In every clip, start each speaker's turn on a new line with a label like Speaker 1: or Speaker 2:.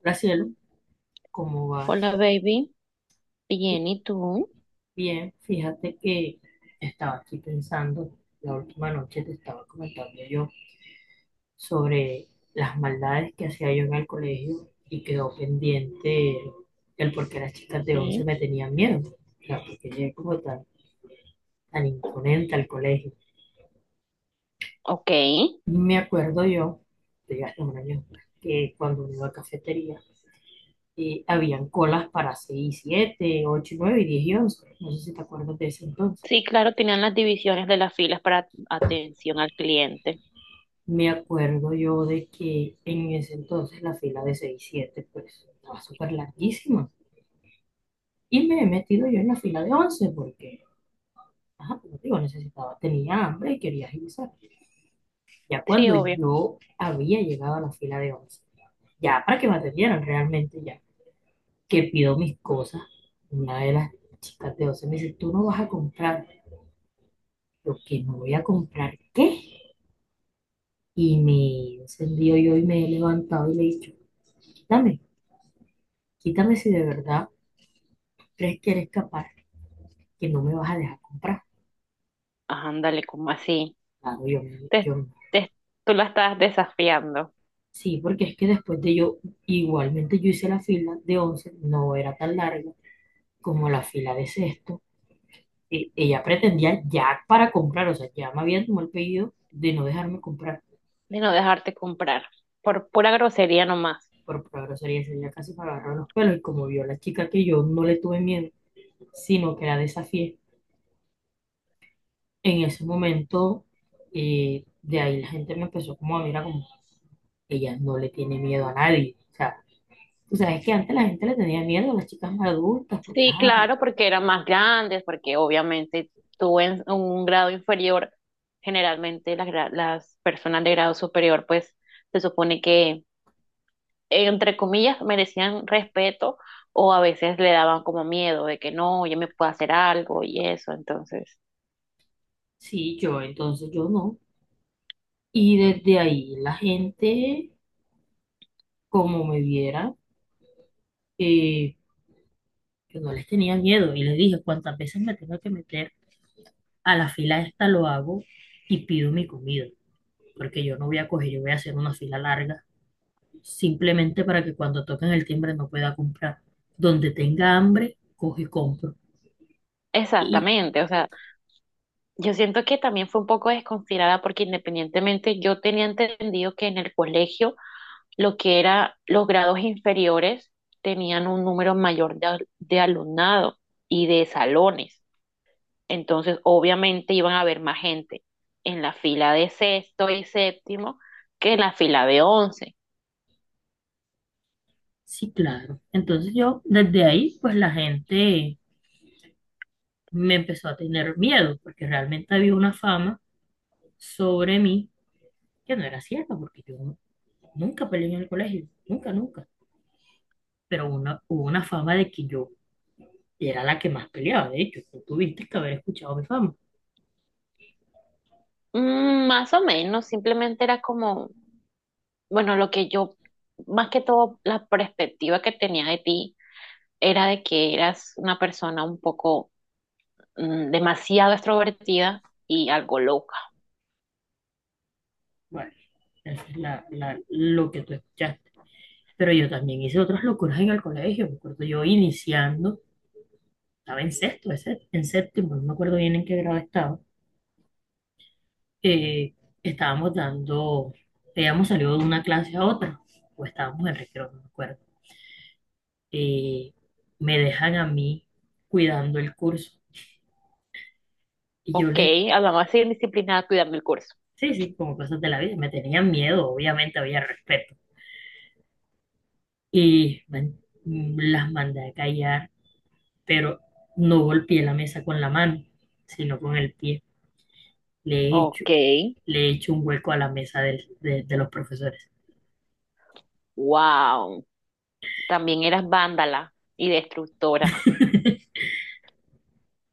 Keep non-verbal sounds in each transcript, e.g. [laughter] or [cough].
Speaker 1: Graciela, ¿cómo vas?
Speaker 2: Hola, baby. Bien, ¿y tú?
Speaker 1: Bien, fíjate que estaba aquí pensando, la última noche te estaba comentando yo sobre las maldades que hacía yo en el colegio y quedó pendiente el por qué las chicas de 11
Speaker 2: Sí,
Speaker 1: me tenían miedo, o sea, porque llegué como tan, tan imponente al colegio.
Speaker 2: ok.
Speaker 1: Me acuerdo yo, de hasta un año después, que cuando me iba a cafetería, habían colas para 6, 7, 8, 9, 10 y 11. No sé si te acuerdas de ese entonces.
Speaker 2: Sí, claro, tenían las divisiones de las filas para atención al cliente.
Speaker 1: Me acuerdo yo de que en ese entonces la fila de seis siete pues estaba súper larguísima. Y me he metido yo en la fila de 11 porque, ajá, como digo, necesitaba, tenía hambre y quería agilizar. Ya
Speaker 2: Sí,
Speaker 1: cuando
Speaker 2: obvio.
Speaker 1: yo había llegado a la fila de 11 ya para que me atendieran realmente ya, que pido mis cosas, una de las chicas de 11 me dice, tú no vas a comprar. Yo, ¿que no voy a comprar qué? Y me he encendido yo y me he levantado y le he dicho, quítame, quítame si de verdad crees que eres capaz, que no me vas a dejar comprar.
Speaker 2: Ah, ándale, como así.
Speaker 1: Claro,
Speaker 2: Te, te- tú la estás desafiando
Speaker 1: sí, porque es que después de yo, igualmente yo hice la fila de 11 no era tan larga como la fila de sexto. Ella pretendía ya para comprar, o sea, ya me había tomado el pedido de no dejarme comprar.
Speaker 2: de no dejarte comprar por pura grosería nomás.
Speaker 1: Por pura grosería, ese día casi me agarró los pelos y como vio la chica que yo no le tuve miedo, sino que la desafié, en ese momento, de ahí la gente me empezó como a mirar como, ella no le tiene miedo a nadie. O sea, tú sabes que antes la gente le tenía miedo a las chicas más adultas, porque,
Speaker 2: Sí,
Speaker 1: ah, pues,
Speaker 2: claro, porque eran más grandes, porque obviamente tú en un grado inferior, generalmente las, las personas de grado superior, pues se supone que, entre comillas, merecían respeto o a veces le daban como miedo de que no, yo me puedo hacer algo y eso. Entonces,
Speaker 1: sí, yo, entonces yo no. Y desde ahí la gente, como me viera, eh, yo no les tenía miedo. Y les dije, cuántas veces me tengo que meter a la fila esta lo hago y pido mi comida, porque yo no voy a coger, yo voy a hacer una fila larga, simplemente para que cuando toquen el timbre no pueda comprar. Donde tenga hambre, cojo y compro. Y
Speaker 2: exactamente, o sea, yo siento que también fue un poco desconsiderada porque independientemente yo tenía entendido que en el colegio lo que era los grados inferiores tenían un número mayor de, de alumnado y de salones. Entonces, obviamente iban a haber más gente en la fila de sexto y séptimo que en la fila de once.
Speaker 1: sí, claro. Entonces yo, desde ahí, pues la gente me empezó a tener miedo porque realmente había una fama sobre mí que no era cierta, porque yo nunca peleé en el colegio, nunca, nunca. Pero una, hubo una fama de que yo era la que más peleaba, de hecho, tú tuviste que haber escuchado mi fama.
Speaker 2: Mm, más o menos, simplemente era como, bueno, lo que yo, más que todo, la perspectiva que tenía de ti era de que eras una persona un poco demasiado extrovertida y algo loca.
Speaker 1: Bueno, esa es lo que tú escuchaste. Pero yo también hice otras locuras en el colegio, me acuerdo yo iniciando, estaba en sexto, en séptimo, no me acuerdo bien en qué grado estaba, eh, estábamos dando, habíamos salido de una clase a otra, o estábamos en recreo, no me acuerdo, eh, me dejan a mí cuidando el curso. Y yo
Speaker 2: Ok,
Speaker 1: les,
Speaker 2: además, más indisciplinada cuidando el curso.
Speaker 1: sí, sí, como cosas de la vida, me tenían miedo, obviamente había respeto. Y las mandé a callar, pero no golpeé la mesa con la mano, sino con el pie. Le he hecho,
Speaker 2: Ok,
Speaker 1: le he hecho un hueco a la mesa de los profesores.
Speaker 2: wow. También eras vándala y destructora.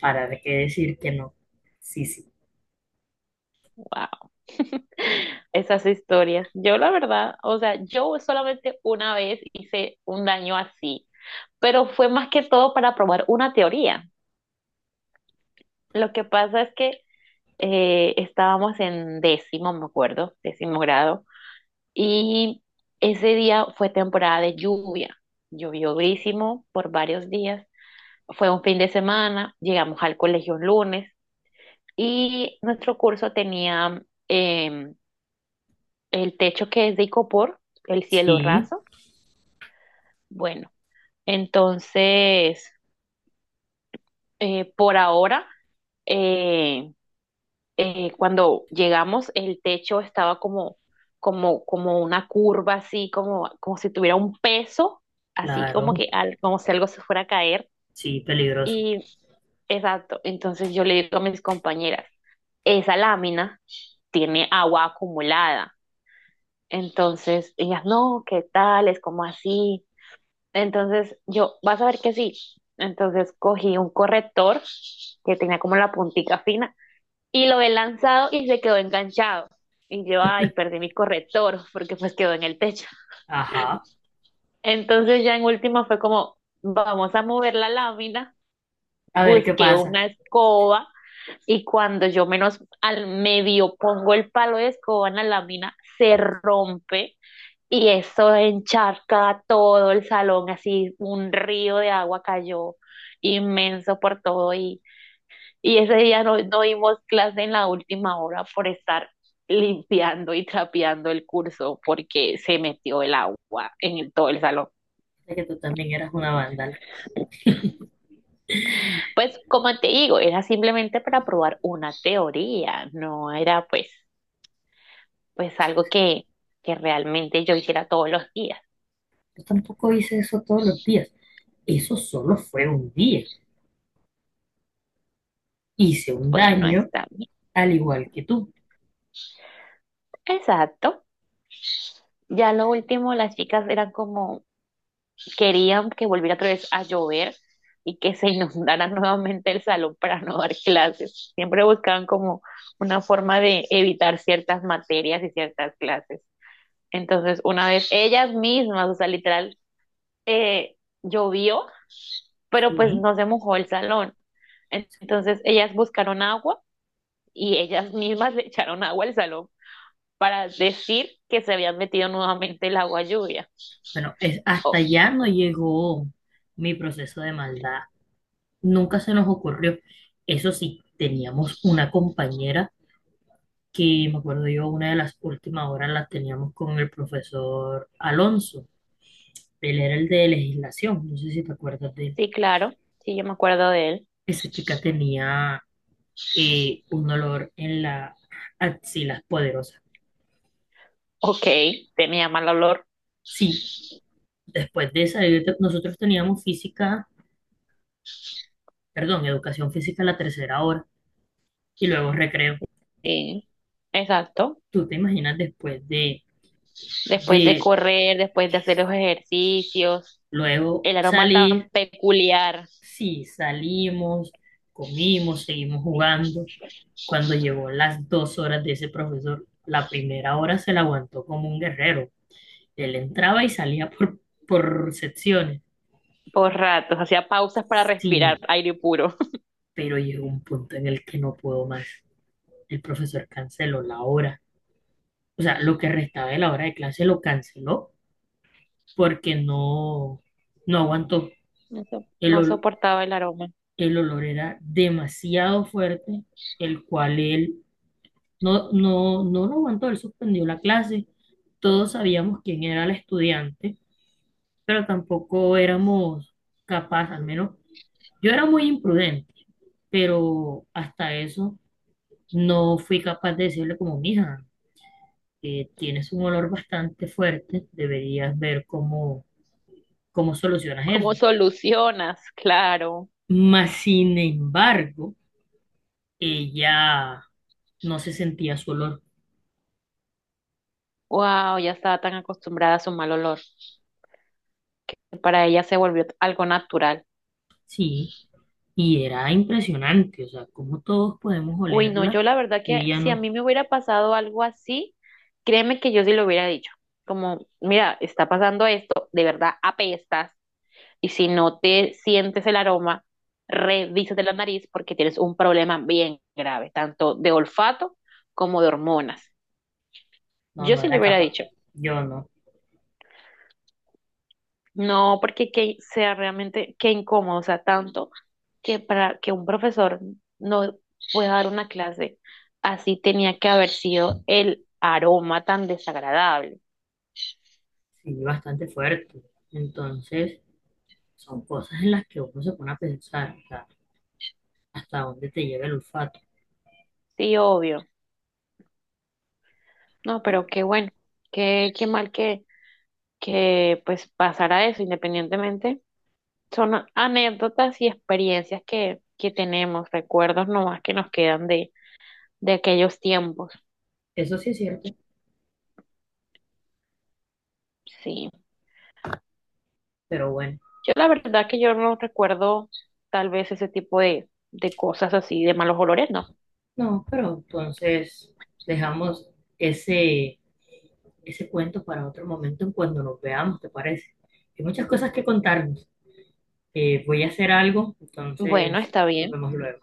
Speaker 1: ¿Para qué decir que no? Sí, sí.
Speaker 2: Wow. [laughs] Esas historias. Yo la verdad, o sea, yo solamente una vez hice un daño así, pero fue más que todo para probar una teoría. Lo que pasa es que estábamos en décimo, me acuerdo, décimo grado, y ese día fue temporada de lluvia. Llovió durísimo por varios días. Fue un fin de semana, llegamos al colegio un lunes. Y nuestro curso tenía em, el techo que es de icopor, el cielo
Speaker 1: Sí,
Speaker 2: raso. Bueno, entonces, por ahora, eh, cuando llegamos, el techo estaba como, como, como una curva, así como, como si tuviera un peso, así como
Speaker 1: claro,
Speaker 2: que como si algo se fuera a caer.
Speaker 1: sí, peligroso.
Speaker 2: Y exacto, entonces yo le digo a mis compañeras, esa lámina tiene agua acumulada. Entonces, ellas, no, ¿qué tal? Es como así. Entonces, yo, vas a ver que sí. Entonces, cogí un corrector que tenía como la puntica fina y lo he lanzado y se quedó enganchado. Y yo, ay, perdí mi corrector porque pues quedó en el techo.
Speaker 1: Ajá.
Speaker 2: Entonces, ya en última fue como, vamos a mover la lámina.
Speaker 1: A ver qué
Speaker 2: Busqué
Speaker 1: pasa.
Speaker 2: una escoba y cuando yo menos al medio pongo el palo de escoba en la lámina, se rompe. Y eso encharca todo el salón, así un río de agua cayó inmenso por todo y ese día no, no dimos clase en la última hora por estar limpiando y trapeando el curso porque se metió el agua en todo el salón.
Speaker 1: Es que tú también eras una vándala.
Speaker 2: Pues como te digo, era simplemente para probar una teoría, no era pues, pues algo que realmente yo hiciera todos los días.
Speaker 1: Yo tampoco hice eso todos los días. Eso solo fue un día. Hice un
Speaker 2: Bueno,
Speaker 1: daño
Speaker 2: está bien.
Speaker 1: al igual que tú.
Speaker 2: Exacto. Ya lo último, las chicas eran como, querían que volviera otra vez a llover y que se inundara [laughs] nuevamente el salón para no dar clases. Siempre buscaban como una forma de evitar ciertas materias y ciertas clases. Entonces, una vez ellas mismas, o sea, literal, eh, llovió, pero pues
Speaker 1: Sí.
Speaker 2: no se mojó el salón. Entonces, ellas buscaron agua y ellas mismas [laughs] le echaron agua al salón para decir que se habían metido nuevamente el agua lluvia.
Speaker 1: Bueno, es,
Speaker 2: Oh,
Speaker 1: hasta allá no llegó mi proceso de maldad. Nunca se nos ocurrió. Eso sí, teníamos una compañera que, me acuerdo yo, una de las últimas horas las teníamos con el profesor Alonso. Él era el de legislación. No sé si te acuerdas de él.
Speaker 2: sí, claro, sí, yo me acuerdo de él.
Speaker 1: Esa chica tenía, un dolor en las axilas poderosas.
Speaker 2: Ok, tenía mal olor.
Speaker 1: Sí, después de esa, nosotros teníamos física, perdón, educación física a la tercera hora y luego recreo.
Speaker 2: Sí, exacto.
Speaker 1: ¿Tú te imaginas después
Speaker 2: Después de
Speaker 1: de
Speaker 2: correr, después de hacer los ejercicios,
Speaker 1: luego
Speaker 2: el aroma tan
Speaker 1: salir?
Speaker 2: peculiar.
Speaker 1: Sí, salimos, comimos, seguimos jugando. Cuando llegó las dos horas de ese profesor, la primera hora se la aguantó como un guerrero. Él entraba y salía por secciones.
Speaker 2: Por ratos, hacía pausas para respirar
Speaker 1: Sí,
Speaker 2: aire puro. [laughs]
Speaker 1: pero llegó un punto en el que no puedo más. El profesor canceló la hora, o sea, lo que restaba de la hora de clase lo canceló porque no, no aguantó.
Speaker 2: No,
Speaker 1: El,
Speaker 2: no
Speaker 1: ol-
Speaker 2: soportaba el aroma.
Speaker 1: el olor era demasiado fuerte, el cual él no, no, no lo aguantó, él suspendió la clase. Todos sabíamos quién era el estudiante, pero tampoco éramos capaces, al menos yo era muy imprudente, pero hasta eso no fui capaz de decirle como, mija, que tienes un olor bastante fuerte, deberías ver cómo ¿cómo solucionas
Speaker 2: ¿Cómo
Speaker 1: eso?
Speaker 2: solucionas? Claro.
Speaker 1: Mas, sin embargo, ella no se sentía su olor.
Speaker 2: Wow, ya estaba tan acostumbrada a su mal olor. Que Para ella se volvió algo natural.
Speaker 1: Sí, y era impresionante, o sea, como todos podemos
Speaker 2: Uy, no,
Speaker 1: olerla
Speaker 2: yo la verdad
Speaker 1: y
Speaker 2: que
Speaker 1: ella
Speaker 2: si a
Speaker 1: no,
Speaker 2: mí me hubiera pasado algo así, créeme que yo sí lo hubiera dicho. Como, mira, está pasando esto, de verdad apestas, y si no te sientes el aroma, revísate la nariz porque tienes un problema bien grave, tanto de olfato como de hormonas. Yo
Speaker 1: no
Speaker 2: sí lo
Speaker 1: era
Speaker 2: hubiera
Speaker 1: capaz.
Speaker 2: dicho.
Speaker 1: Yo no,
Speaker 2: No, porque que sea realmente, qué incómodo, o sea, tanto. Que para que un profesor no pueda dar una clase, así tenía que haber sido el aroma tan desagradable.
Speaker 1: sí, bastante fuerte. Entonces, son cosas en las que uno se pone a pensar, o sea, hasta dónde te lleva el olfato.
Speaker 2: Sí, obvio. No, pero qué bueno, qué, qué mal que pues pasara eso, independientemente. Son anécdotas y experiencias que tenemos, recuerdos nomás que nos quedan de aquellos tiempos.
Speaker 1: Eso sí es cierto,
Speaker 2: Sí.
Speaker 1: pero bueno,
Speaker 2: Yo la verdad que yo no recuerdo tal vez ese tipo de cosas así, de malos olores, no.
Speaker 1: no, pero entonces dejamos ese ese cuento para otro momento en cuando nos veamos, ¿te parece? Hay muchas cosas que contarnos. Voy a hacer algo,
Speaker 2: Bueno,
Speaker 1: entonces
Speaker 2: está
Speaker 1: nos
Speaker 2: bien.
Speaker 1: vemos luego.